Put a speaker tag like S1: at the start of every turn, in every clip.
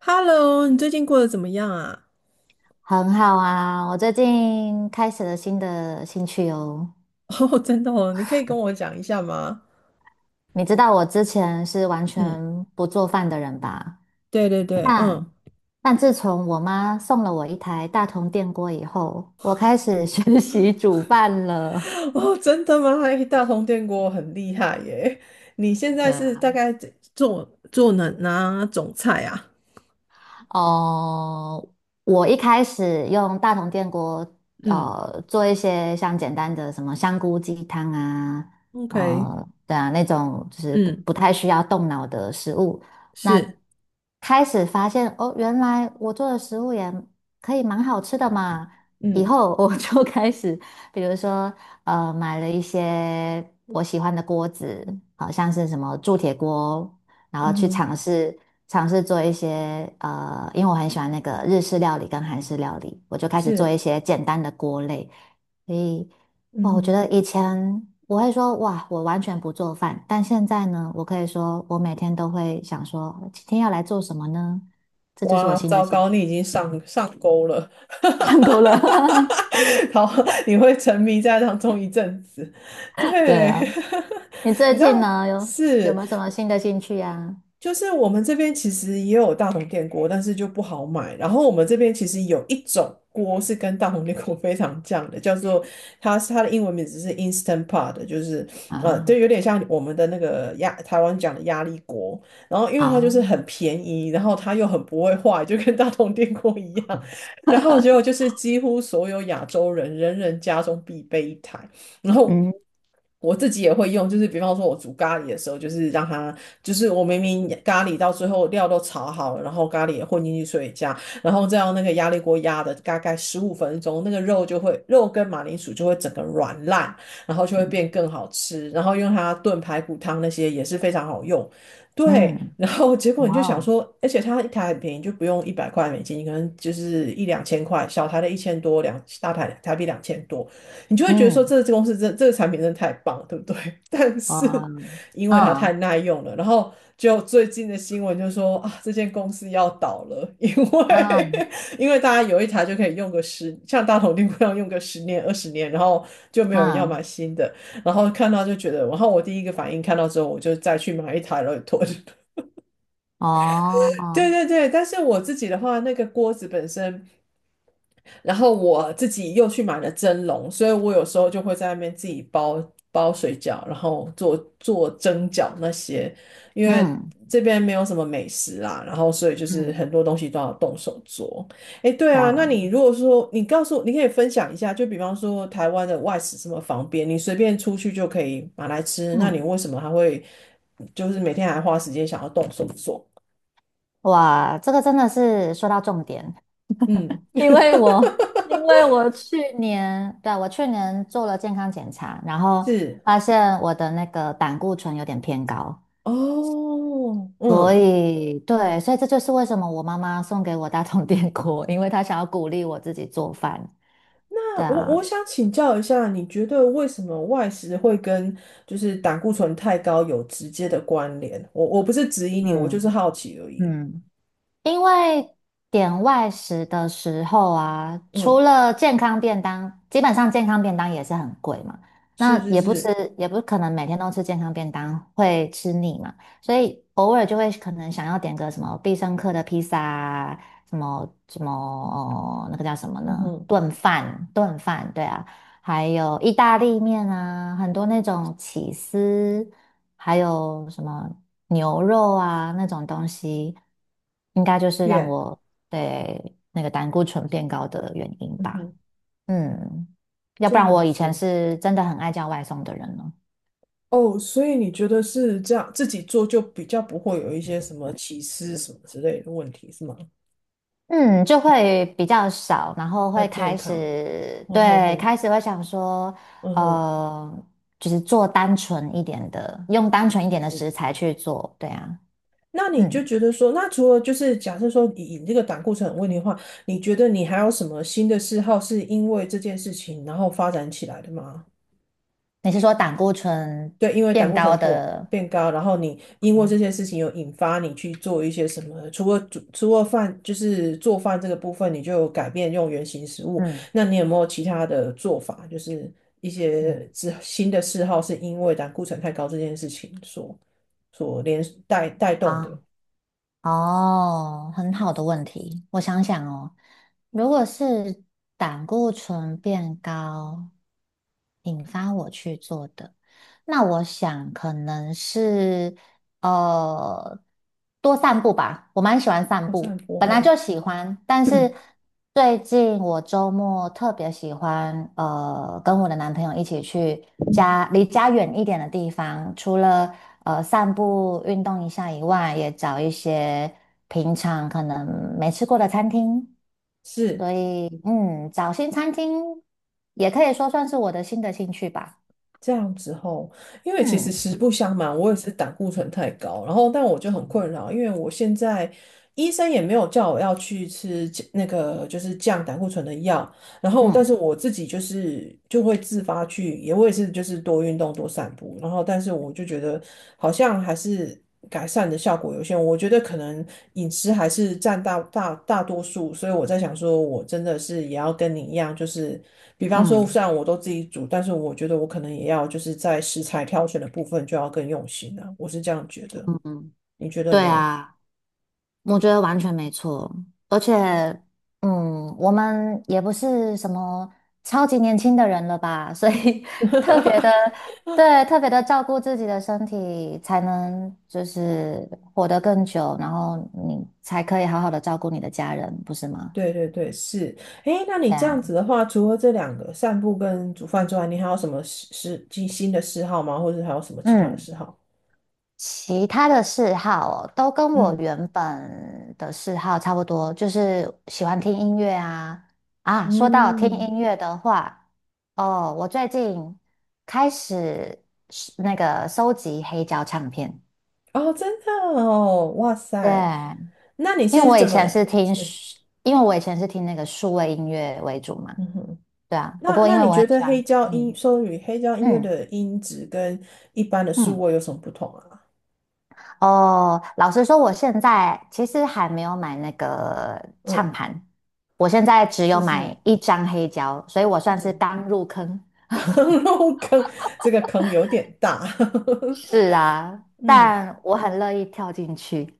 S1: Hello，你最近过得怎么样啊？
S2: 很好啊，我最近开始了新的兴趣哦。
S1: 哦，真的哦，你可以跟我讲一下吗？
S2: 你知道我之前是完
S1: 嗯，
S2: 全不做饭的人吧？
S1: 对对对，
S2: 但
S1: 嗯，
S2: 但自从我妈送了我一台大同电锅以后，我开始 学习煮饭了。
S1: 哦，真的吗？哎，大同电锅很厉害耶！你现在
S2: 对
S1: 是大概做做哪种菜啊
S2: 哦，我一开始用大同电锅，
S1: 嗯
S2: 做一些像简单的什么香菇鸡汤啊，
S1: ？OK，
S2: 对啊，那种就是不
S1: 嗯，
S2: 不太需要动脑的食物。那
S1: 是，
S2: 开始发现哦，原来我做的食物也可以蛮好吃的嘛。以
S1: 嗯
S2: 后我就 开始，比如说买了一些我喜欢的锅子，好像是什么铸铁锅。然后
S1: 嗯
S2: 去
S1: 哼，
S2: 尝试做一些因为我很喜欢那个日式料理跟韩式料理，我就开始做一
S1: 是，
S2: 些简单的锅类。所以，
S1: 嗯
S2: 哇，我觉
S1: 哼，
S2: 得以前我会说哇，我完全不做饭，但现在呢，我可以说我每天都会想说今天要来做什么呢？这就是我
S1: 哇，
S2: 新的
S1: 糟
S2: 兴
S1: 糕，
S2: 趣，
S1: 你已经上钩了。
S2: 看够了。
S1: 好，你会沉迷在当中一阵子。
S2: 对
S1: 对，
S2: 啊，你
S1: 你
S2: 最
S1: 知
S2: 近
S1: 道
S2: 呢有有
S1: 是，
S2: 没有什么新的兴趣呀、
S1: 就是我们这边其实也有大同电锅，但是就不好买。然后我们这边其实有一种锅是跟大同电锅非常像的，叫做它的英文名字是 Instant Pot，就是就
S2: 啊？
S1: 有点像我们的那个台湾讲的压力锅。然后因
S2: 啊，
S1: 为它就
S2: 好，
S1: 是很便宜，然后它又很不会坏，就跟大同电锅一样。然后结果就是几乎所有亚洲人人人家中必备一台。然后
S2: 嗯
S1: 我自己也会用，就是比方说我煮咖喱的时候，就是让它，就是我明明咖喱到最后料都炒好了，然后咖喱也混进去水加，然后再用那个压力锅压的大概15分钟，那个肉就会肉跟马铃薯就会整个软烂，然后就会变更好吃，然后用它炖排骨汤那些也是非常好用。对，
S2: 嗯，
S1: 然后结果你就
S2: 哇
S1: 想
S2: 哦，
S1: 说，而且它一台很便宜，就不用100块美金，可能就是一两千块，小台的1000多，两大台台币2000多。你就会觉得说
S2: 嗯，
S1: 这个公司真这个产品真的太棒了，对不对？但
S2: 哇，
S1: 是因为它太
S2: 嗯。
S1: 耐用了，然后就最近的新闻就说啊，这间公司要倒了，因为
S2: 嗯
S1: 因为大家有一台就可以用个十，像大同电锅一样用个十年20年，然后就没有人要
S2: 嗯，
S1: 买新的，然后看到就觉得，然后我第一个反应看到之后，我就再去买一台来囤。
S2: 哦，
S1: 对对对，但是我自己的话，那个锅子本身。然后我自己又去买了蒸笼，所以我有时候就会在那边自己包水饺，然后做做蒸饺那些，因为
S2: 嗯
S1: 这边没有什么美食啦，然后所以就是
S2: 嗯，
S1: 很多东西都要动手做。诶，对啊，那
S2: 哇，
S1: 你如果说你告诉我，你可以分享一下，就比方说台湾的外食这么方便，你随便出去就可以买来吃，那你
S2: 嗯
S1: 为什么还会就是每天还花时间想要动手做？
S2: 哇，这个真的是说到重点，
S1: 嗯，
S2: 因为我去年，对啊，我去年做了健康检查，然后
S1: 是
S2: 发现我的那个胆固醇有点偏高，
S1: 哦，
S2: 所
S1: 嗯
S2: 以对，所以这就是为什么我妈妈送给我大同电锅，因为她想要鼓励我自己做饭。
S1: 那
S2: 对
S1: 我
S2: 啊，
S1: 我想请教一下，你觉得为什么外食会跟就是胆固醇太高有直接的关联？我不是质疑你，我就是
S2: 嗯
S1: 好奇而已。
S2: 嗯。因为点外食的时候啊，除
S1: 嗯，
S2: 了健康便当，基本上健康便当也是很贵嘛。
S1: 是
S2: 那
S1: 是
S2: 也不
S1: 是，
S2: 是，也不可能每天都吃健康便当，会吃腻嘛。所以偶尔就会可能想要点个什么必胜客的披萨啊，什么什么哦那个叫什么
S1: 嗯
S2: 呢？
S1: 哼，
S2: 炖饭，炖饭，对啊。还有意大利面啊，很多那种起司，还有什么牛肉啊那种东西，应该就是让
S1: 耶，
S2: 我对那个胆固醇变高的原因
S1: 嗯
S2: 吧。
S1: 哼，
S2: 嗯，要
S1: 这
S2: 不然
S1: 样
S2: 我以前
S1: 子。
S2: 是真的很爱叫外送的人呢。
S1: 哦，所以你觉得是这样，自己做就比较不会有一些什么起司什么之类的问题，是吗？
S2: 嗯，就会比较少，然后
S1: 要
S2: 会
S1: 健
S2: 开
S1: 康。
S2: 始，
S1: 嗯哼
S2: 对，
S1: 哼，
S2: 开始会想说，
S1: 嗯哼，
S2: 呃，就是做单纯一点的，用单纯一
S1: 是
S2: 点的
S1: 是。
S2: 食材去做，对啊，
S1: 那你就
S2: 嗯。
S1: 觉得说，那除了就是假设说以这个胆固醇很问题的话，你觉得你还有什么新的嗜好是因为这件事情然后发展起来的吗？
S2: 你是说胆固醇
S1: 对，因为胆
S2: 变
S1: 固醇
S2: 高的？
S1: 变高，然后你因为这
S2: 嗯
S1: 件事情有引发你去做一些什么，除了饭就是做饭这个部分，你就有改变用原形食物，
S2: 嗯
S1: 那你有没有其他的做法？就是一
S2: 嗯
S1: 些之新的嗜好是因为胆固醇太高这件事情所连带动
S2: 啊
S1: 的。
S2: 哦，很好的问题。我想想哦，如果是胆固醇变高引发我去做的，那我想可能是呃，多散步吧，我蛮喜欢散
S1: 我是很
S2: 步，
S1: 波
S2: 本来
S1: 后。
S2: 就喜欢，但是 最近我周末特别喜欢，跟我的男朋友一起去家离家远一点的地方，除了散步运动一下以外，也找一些平常可能没吃过的餐厅，
S1: 是
S2: 所以嗯，找新餐厅也可以说算是我的新的兴趣吧，
S1: 这样子吼，因为其实
S2: 嗯
S1: 实不相瞒，我也是胆固醇太高，然后但我就很困扰，因为我现在医生也没有叫我要去吃那个就是降胆固醇的药。然后，但是
S2: 嗯
S1: 我自己就是就会自发去，也我也是就是多运动多散步，然后但是我就觉得好像还是改善的效果有限，我觉得可能饮食还是占大多数，所以我在想说，我真的是也要跟你一样，就是比方说
S2: 嗯。
S1: 虽然我都自己煮，但是我觉得我可能也要就是在食材挑选的部分就要更用心了。我是这样觉得，
S2: 嗯嗯，
S1: 你觉得
S2: 对
S1: 呢？
S2: 啊。我觉得完全没错，而且，嗯，我们也不是什么超级年轻的人了吧，所以 特别的，对，特别的照顾自己的身体，才能就是活得更久，然后你才可以好好的照顾你的家人，不是吗？
S1: 对对对，是。诶，那你
S2: 对
S1: 这样
S2: 啊，
S1: 子的话，除了这两个散步跟煮饭之外，你还有什么嗜嗜新新的嗜好吗？或者还有什么其他的
S2: 嗯。
S1: 嗜好？
S2: 其他的嗜好哦，都跟我
S1: 嗯
S2: 原本的嗜好差不多，就是喜欢听音乐啊。啊，说到听
S1: 嗯，
S2: 音乐的话，哦，我最近开始是那个收集黑胶唱片。
S1: 哦，真的哦，哇
S2: 对，
S1: 塞，那你
S2: 因为
S1: 是
S2: 我以
S1: 怎么
S2: 前是听
S1: 是？
S2: 数，因为我以前是听那个数位音乐为主嘛。
S1: 嗯哼，
S2: 对啊，不
S1: 那
S2: 过因
S1: 那
S2: 为
S1: 你
S2: 我
S1: 觉
S2: 很喜
S1: 得
S2: 欢，
S1: 黑胶音，
S2: 嗯
S1: 双语黑胶音乐
S2: 嗯
S1: 的音质跟一般的数
S2: 嗯。
S1: 位有什么不同啊？
S2: 哦，老实说，我现在其实还没有买那个唱
S1: 嗯，
S2: 盘，我现在只有
S1: 是是
S2: 买
S1: 是，
S2: 一张黑胶，所以我算是
S1: 嗯，
S2: 刚入坑。
S1: 入坑这个坑有点大。
S2: 是啊，
S1: 嗯
S2: 但我很乐意跳进去。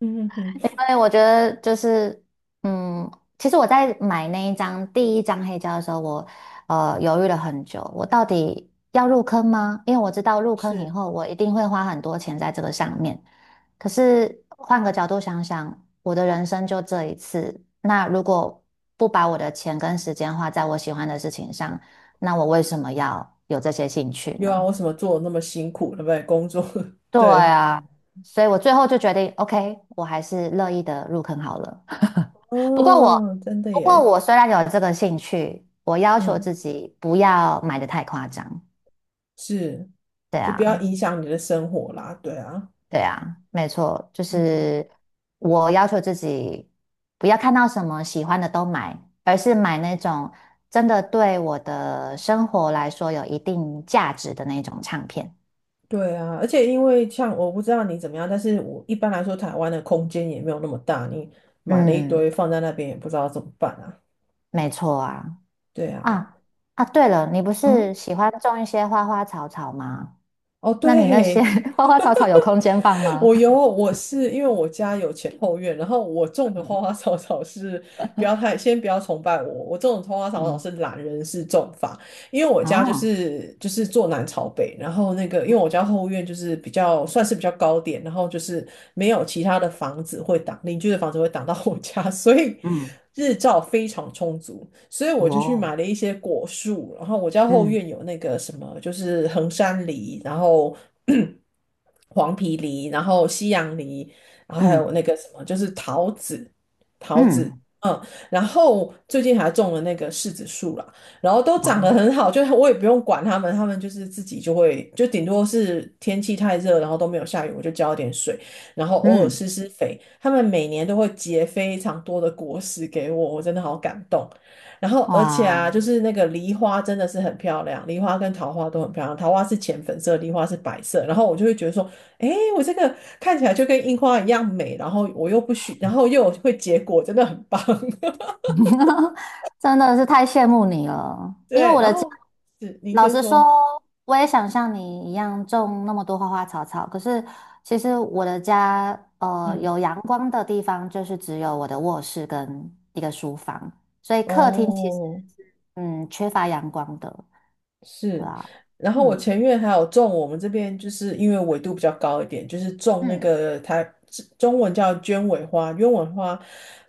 S1: 嗯哼哼。
S2: 对，我觉得就是，嗯，其实我在买那一张第一张黑胶的时候，我犹豫了很久，我到底要入坑吗？因为我知道入坑以
S1: 是。
S2: 后，我一定会花很多钱在这个上面。可是换个角度想想，我的人生就这一次，那如果不把我的钱跟时间花在我喜欢的事情上，那我为什么要有这些兴趣
S1: 又啊，
S2: 呢？
S1: 为什么做得那么辛苦，对不对？工作。
S2: 对
S1: 对，
S2: 啊，所以我最后就决定，OK，我还是乐意的入坑好了。不过我，
S1: 哦，真的
S2: 不过
S1: 耶，
S2: 我虽然有这个兴趣，我要求
S1: 嗯，
S2: 自己不要买的太夸张。
S1: 是，
S2: 对
S1: 就不要
S2: 啊，
S1: 影响你的生活啦，对啊，
S2: 对啊，没错，就
S1: 嗯，
S2: 是我要求自己不要看到什么喜欢的都买，而是买那种真的对我的生活来说有一定价值的那种唱片。
S1: 对啊，而且因为像我不知道你怎么样，但是我一般来说台湾的空间也没有那么大，你买了一
S2: 嗯，
S1: 堆放在那边也不知道怎么办啊，
S2: 没错啊。
S1: 对啊，
S2: 啊啊，对了，你不
S1: 嗯。
S2: 是喜欢种一些花花草草吗？
S1: 哦，
S2: 那你那些
S1: 对，
S2: 花花草草有空间放 吗？
S1: 我有，我是因为我家有前后院，然后我种的花花草草是不要太，先不要崇拜我，我种的花花草草
S2: 嗯
S1: 是懒人式种法，因为我家就
S2: 哦。
S1: 是就是坐南朝北，然后那个因为我家后院就是比较算是比较高点，然后就是没有其他的房子会挡，邻居的房子会挡到我家。所以日照非常充足，所以我就去
S2: 哦，
S1: 买了一些果树，然后我家后
S2: 嗯
S1: 院有那个什么就是衡山梨，然后 黄皮梨，然后西洋梨，然后还有
S2: 嗯
S1: 那个什么就是桃子，桃子。
S2: 嗯，
S1: 嗯，然后最近还种了那个柿子树啦，然后都
S2: 哇，
S1: 长得很好，就我也不用管它们，它们就是自己就会，就顶多是天气太热，然后都没有下雨，我就浇一点水，然后偶尔
S2: 嗯
S1: 施施肥。它们每年都会结非常多的果实给我，我真的好感动。然后而且
S2: 哇，
S1: 啊，就是那个梨花真的是很漂亮，梨花跟桃花都很漂亮，桃花是浅粉色，梨花是白色。然后我就会觉得说，诶，我这个看起来就跟樱花一样美，然后我又不需，然后又会结果，真的很棒。
S2: 真的是太羡慕你了。因为
S1: 对，
S2: 我
S1: 然
S2: 的家，
S1: 后是您
S2: 老
S1: 先
S2: 实说，
S1: 说。
S2: 我也想像你一样种那么多花花草草，可是其实我的家，
S1: 嗯。
S2: 有阳光的地方就是只有我的卧室跟一个书房，所以客厅其实
S1: 哦，
S2: 嗯缺乏阳光的，对
S1: 是，
S2: 啊，
S1: 然后我
S2: 嗯
S1: 前院还有种，我们这边就是因为纬度比较高一点，就是种那
S2: 嗯。
S1: 个它中文叫鸢尾花，鸢尾花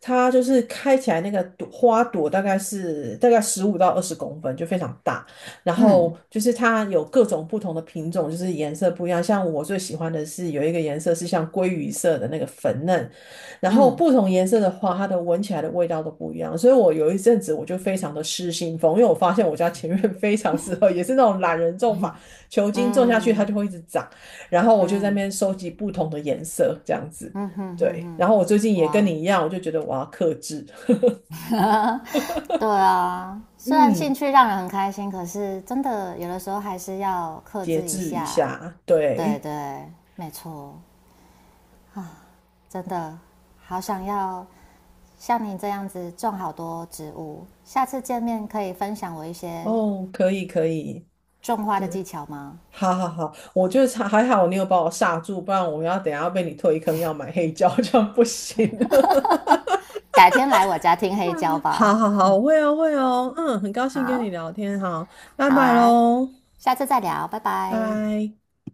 S1: 它就是开起来那个朵花朵大概15到20公分，就非常大。然后
S2: 嗯
S1: 就是它有各种不同的品种，就是颜色不一样。像我最喜欢的是有一个颜色是像鲑鱼色的那个粉嫩，然后
S2: 嗯
S1: 不同颜色的花，它的闻起来的味道都不一样，所以我有一阵子我就非常的失心疯，因为我发现我家前院非常适合，也是那种懒人种法，球茎种下去它就
S2: 嗯
S1: 会一直长，然后我就在
S2: 嗯
S1: 那
S2: 嗯
S1: 边收集不同的颜色这样子。
S2: 嗯哼哼
S1: 对，
S2: 哼，
S1: 然后我最近也跟
S2: 哇，
S1: 你一样，我就觉得我要克制。
S2: 对啊，虽然兴
S1: 嗯，
S2: 趣让人很开心，可是真的有的时候还是要克
S1: 节
S2: 制一
S1: 制一
S2: 下。
S1: 下，
S2: 对
S1: 对，
S2: 对，没错，真的好想要像你这样子种好多植物。下次见面可以分享我一些
S1: 哦，可以可以，
S2: 种花的技
S1: 是，
S2: 巧吗？
S1: 好好好，我就差还好你有把我刹住，不然我要等一下要被你推坑要买黑胶，这样不行。
S2: 改天来我家听黑胶
S1: 好
S2: 吧。
S1: 好好，我会哦，会哦，嗯，很高兴跟你
S2: 好，
S1: 聊天，好，拜
S2: 好
S1: 拜
S2: 啊，
S1: 喽，
S2: 下次再聊，拜
S1: 拜
S2: 拜。
S1: 拜。